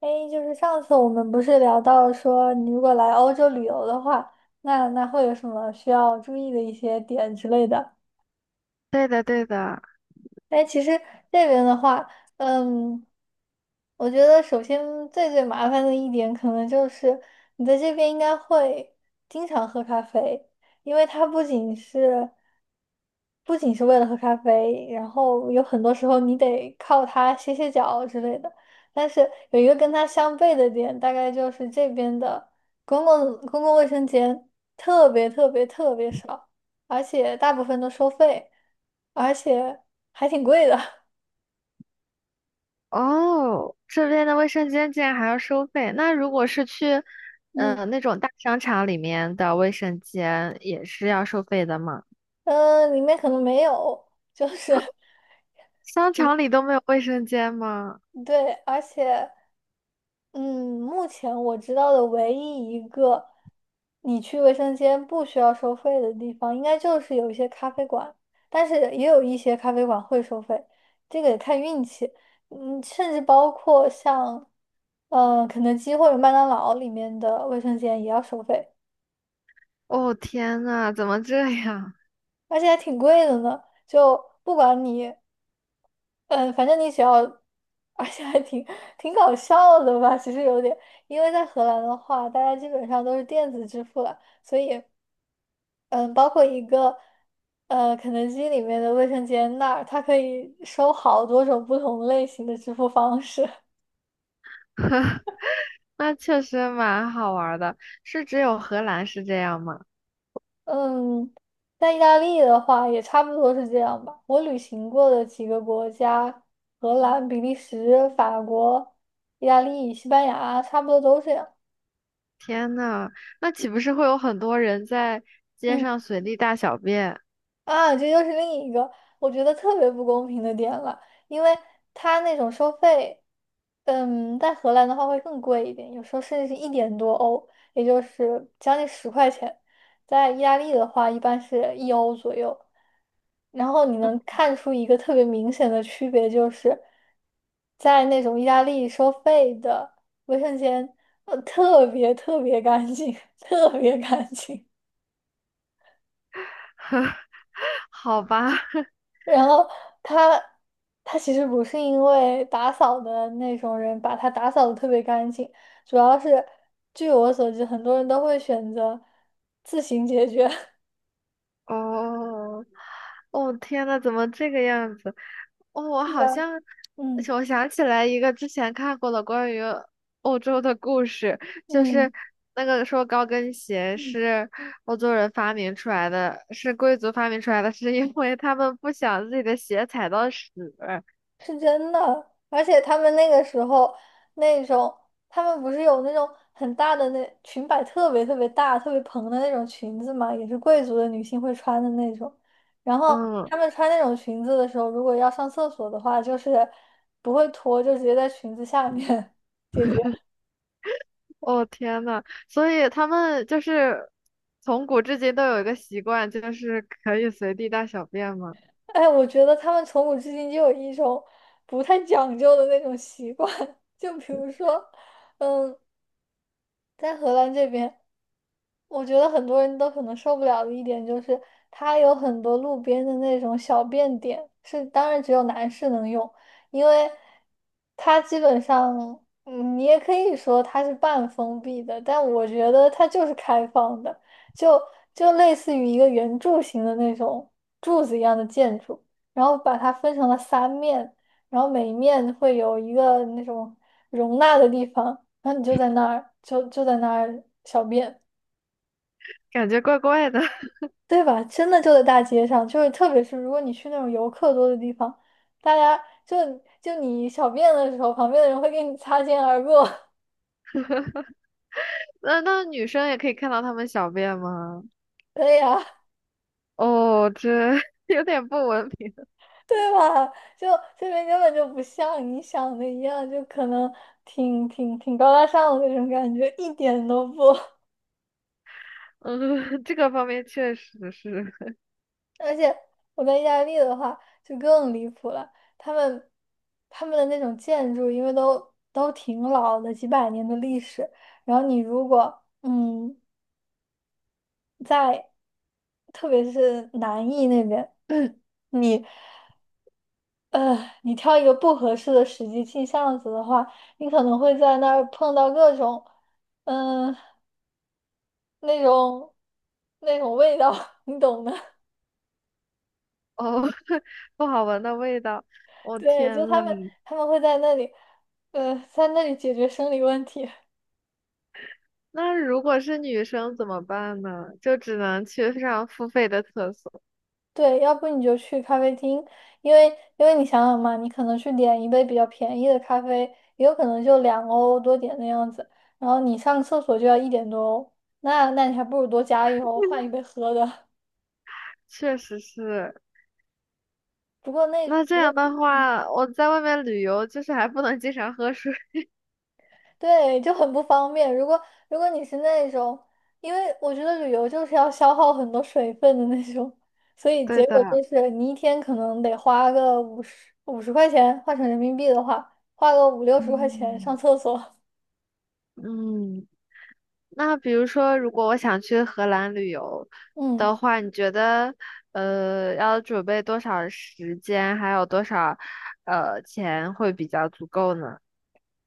哎，就是上次我们不是聊到说，你如果来欧洲旅游的话，那会有什么需要注意的一些点之类的？对的，对的。哎，其实这边的话，嗯，我觉得首先最最麻烦的一点，可能就是你在这边应该会经常喝咖啡，因为它不仅是为了喝咖啡，然后有很多时候你得靠它歇歇脚之类的。但是有一个跟它相悖的点，大概就是这边的公共卫生间特别特别特别少，而且大部分都收费，而且还挺贵的。哦，这边的卫生间竟然还要收费。那如果是去，嗯那种大商场里面的卫生间也是要收费的吗？嗯，里面可能没有，就是 商场里都没有卫生间吗？对，而且。嗯，目前我知道的唯一一个你去卫生间不需要收费的地方，应该就是有一些咖啡馆，但是也有一些咖啡馆会收费，这个得看运气。甚至包括像，肯德基或者麦当劳里面的卫生间也要收费，哦，天呐，怎么这样？而且还挺贵的呢。就不管你嗯，反正你只要，而且还挺搞笑的吧，其实有点，因为在荷兰的话，大家基本上都是电子支付了，所以，嗯，包括一个，肯德基里面的卫生间那儿，它可以收好多种不同类型的支付方式。那确实蛮好玩儿的。是只有荷兰是这样吗？嗯，在意大利的话也差不多是这样吧。我旅行过的几个国家，荷兰、比利时、法国、意大利、西班牙，差不多都这样。天呐，那岂不是会有很多人在街嗯。上随地大小便？啊，这又是另一个我觉得特别不公平的点了，因为他那种收费，在荷兰的话会更贵一点，有时候甚至是一点多欧，也就是将近十块钱。在意大利的话，一般是一欧左右。然后你能看出一个特别明显的区别，就是在那种意大利收费的卫生间，特别特别干净，特别干净。好吧，然后他他其实不是因为打扫的那种人把他打扫的特别干净，主要是据我所知，很多人都会选择自行解决。哦，哦，天呐，怎么这个样子？哦，我是啊好像，而嗯且我想起来一个之前看过的关于欧洲的故事，就是嗯那个说高跟鞋嗯。是欧洲人发明出来的，是贵族发明出来的，是因为他们不想自己的鞋踩到屎。是真的，而且他们那个时候那种，他们不是有那种很大的那裙摆，特别特别大、特别蓬的那种裙子嘛，也是贵族的女性会穿的那种。然后嗯，她们穿那种裙子的时候，如果要上厕所的话，就是不会脱，就直接在裙子下面 解决。哦天呐，所以他们就是从古至今都有一个习惯，就是可以随地大小便吗？哎，我觉得他们从古至今就有一种不太讲究的那种习惯，就比如说，嗯。在荷兰这边，我觉得很多人都可能受不了的一点就是，它有很多路边的那种小便点，是当然只有男士能用，因为它基本上，你也可以说它是半封闭的，但我觉得它就是开放的，就就类似于一个圆柱形的那种柱子一样的建筑，然后把它分成了三面，然后每一面会有一个那种容纳的地方。然后你就在那儿，就在那儿小便，感觉怪怪的。对吧？真的就在大街上，就是特别是如果你去那种游客多的地方，大家就就你小便的时候，旁边的人会跟你擦肩而过，那女生也可以看到他们小便吗？对呀，哦，这 有点不文明。对吧？就这边根本就不像你想的一样，就可能挺高大上的那种感觉，一点都不。嗯，这个方面确实是。而且我在意大利的话就更离谱了，他们他们的那种建筑，因为都挺老的，几百年的历史。然后你如果在，特别是南意那边，你呃你挑一个不合适的时机进巷子的话，你可能会在那儿碰到各种嗯、那种那种味道，你懂的。哦，不好闻的味道。我、对，天就呐，他们会在那里，在那里解决生理问题。那如果是女生怎么办呢？就只能去上付费的厕所。对，要不你就去咖啡厅，因为因为你想想嘛，你可能去点一杯比较便宜的咖啡，也有可能就2欧多点的样子，然后你上厕所就要一点多欧，那你还不如多加一欧换一杯喝的。确实是。不过那那这不过样的话，我在外面旅游就是还不能经常喝水。对，就很不方便。如果你是那种，因为我觉得旅游就是要消耗很多水分的那种，所 以对结果的，就是你一天可能得花个五十块钱，换成人民币的话，花个五六十块钱上嗯厕所。嗯，那比如说，如果我想去荷兰旅游嗯，的话，你觉得要准备多少时间，还有多少钱会比较足够呢？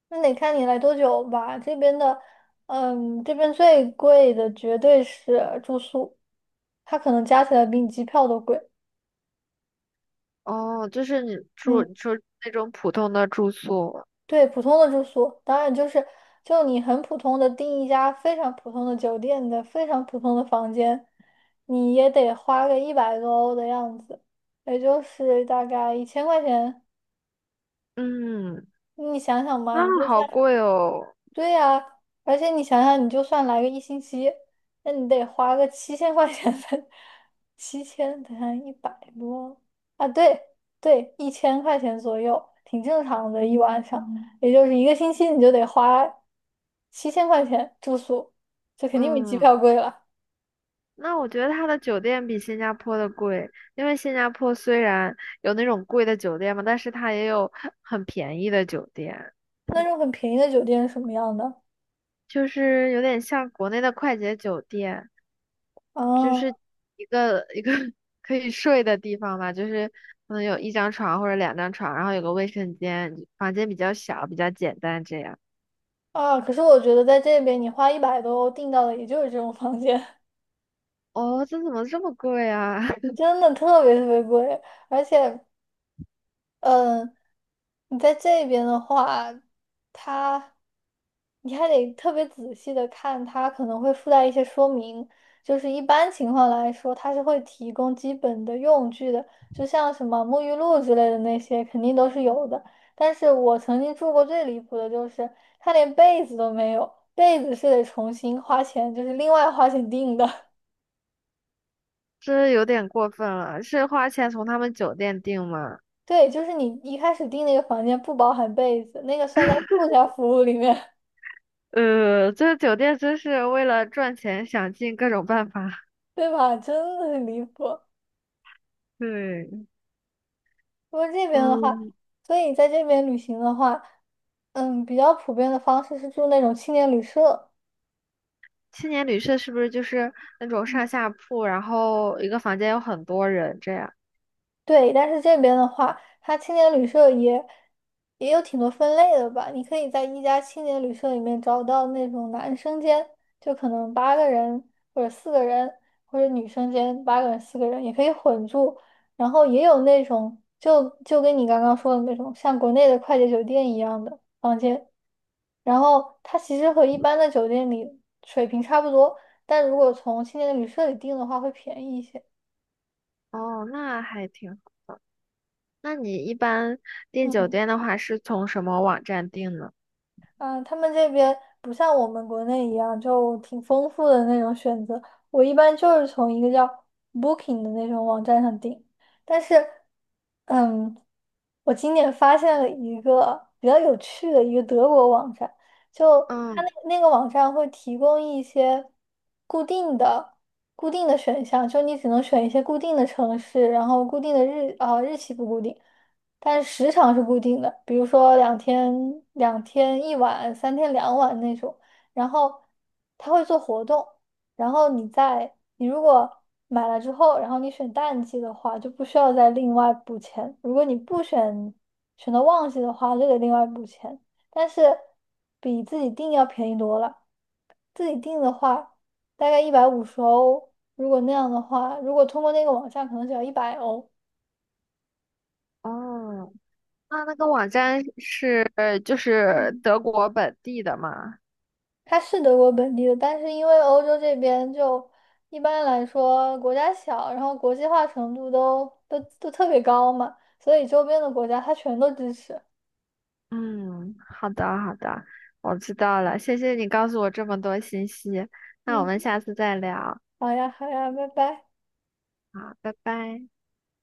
那得看你来多久吧。这边的，这边最贵的绝对是住宿，它可能加起来比你机票都贵。哦，就是你住你嗯。说那种普通的住宿，对，普通的住宿，当然就是就你很普通的订一家非常普通的酒店的非常普通的房间，你也得花个一百多欧的样子，也就是大概一千块钱。嗯，你想想嘛，你那就好算贵哦，对呀、而且你想想，你就算来个1星期，那你得花个七千块钱才 7000等下100多啊，对对，一千块钱左右，挺正常的，一晚上。也就是1个星期你就得花七千块钱住宿，这肯定比机嗯，票贵了。那我觉得它的酒店比新加坡的贵，因为新加坡虽然有那种贵的酒店嘛，但是它也有很便宜的酒店，那种很便宜的酒店是什么样的？就是有点像国内的快捷酒店。就啊是一个 可以睡的地方吧，就是可能有一张床或者两张床，然后有个卫生间，房间比较小，比较简单这样。啊！可是我觉得在这边，你花一百多欧订到的也就是这种房间，哦，这怎么这么贵啊？真的特别特别贵。而且，嗯，你在这边的话，它。你还得特别仔细的看，它可能会附带一些说明。就是一般情况来说，它是会提供基本的用具的，就像什么沐浴露之类的那些，肯定都是有的。但是我曾经住过最离谱的就是，它连被子都没有，被子是得重新花钱，就是另外花钱订的。这有点过分了，是花钱从他们酒店订吗？对，就是你一开始订那个房间不包含被子，那个算在附加服务里面，这个酒店真是为了赚钱想尽各种办法。对吧？真的很离谱。对，不过这边的话，嗯，所以在这边旅行的话，比较普遍的方式是住那种青年旅社。青年旅社是不是就是那种上下铺，然后一个房间有很多人这样？对，但是这边的话，它青年旅社也有挺多分类的吧。你可以在一家青年旅社里面找到那种男生间，就可能八个人或者四个人，或者女生间八个人四个人也可以混住。然后也有那种就跟你刚刚说的那种像国内的快捷酒店一样的房间，然后它其实和一般的酒店里水平差不多，但如果从青年旅社里订的话会便宜一些。哦，那还挺。那你一般订酒嗯。店的话，是从什么网站订呢？嗯，他们这边不像我们国内一样，就挺丰富的那种选择。我一般就是从一个叫 Booking 的那种网站上订，但是嗯，我今年发现了一个比较有趣的一个德国网站，就它那嗯，那个网站会提供一些固定的、固定的选项，就你只能选一些固定的城市，然后固定的日期不固定，但是时长是固定的，比如说两天一晚、3天2晚那种。然后它会做活动，然后你如果买了之后，然后你选淡季的话，就不需要再另外补钱。如果你不选选择旺季的话，就得另外补钱。但是比自己订要便宜多了。自己订的话，大概150欧。如果那样的话，如果通过那个网站，可能只要100欧。哦，那那个网站是就是嗯。德国本地的吗？他是德国本地的，但是因为欧洲这边就一般来说国家小，然后国际化程度都特别高嘛，所以周边的国家他全都支持。嗯，好的好的，我知道了，谢谢你告诉我这么多信息，那我们嗯，下次再聊，好呀，好呀，拜拜。好，拜拜。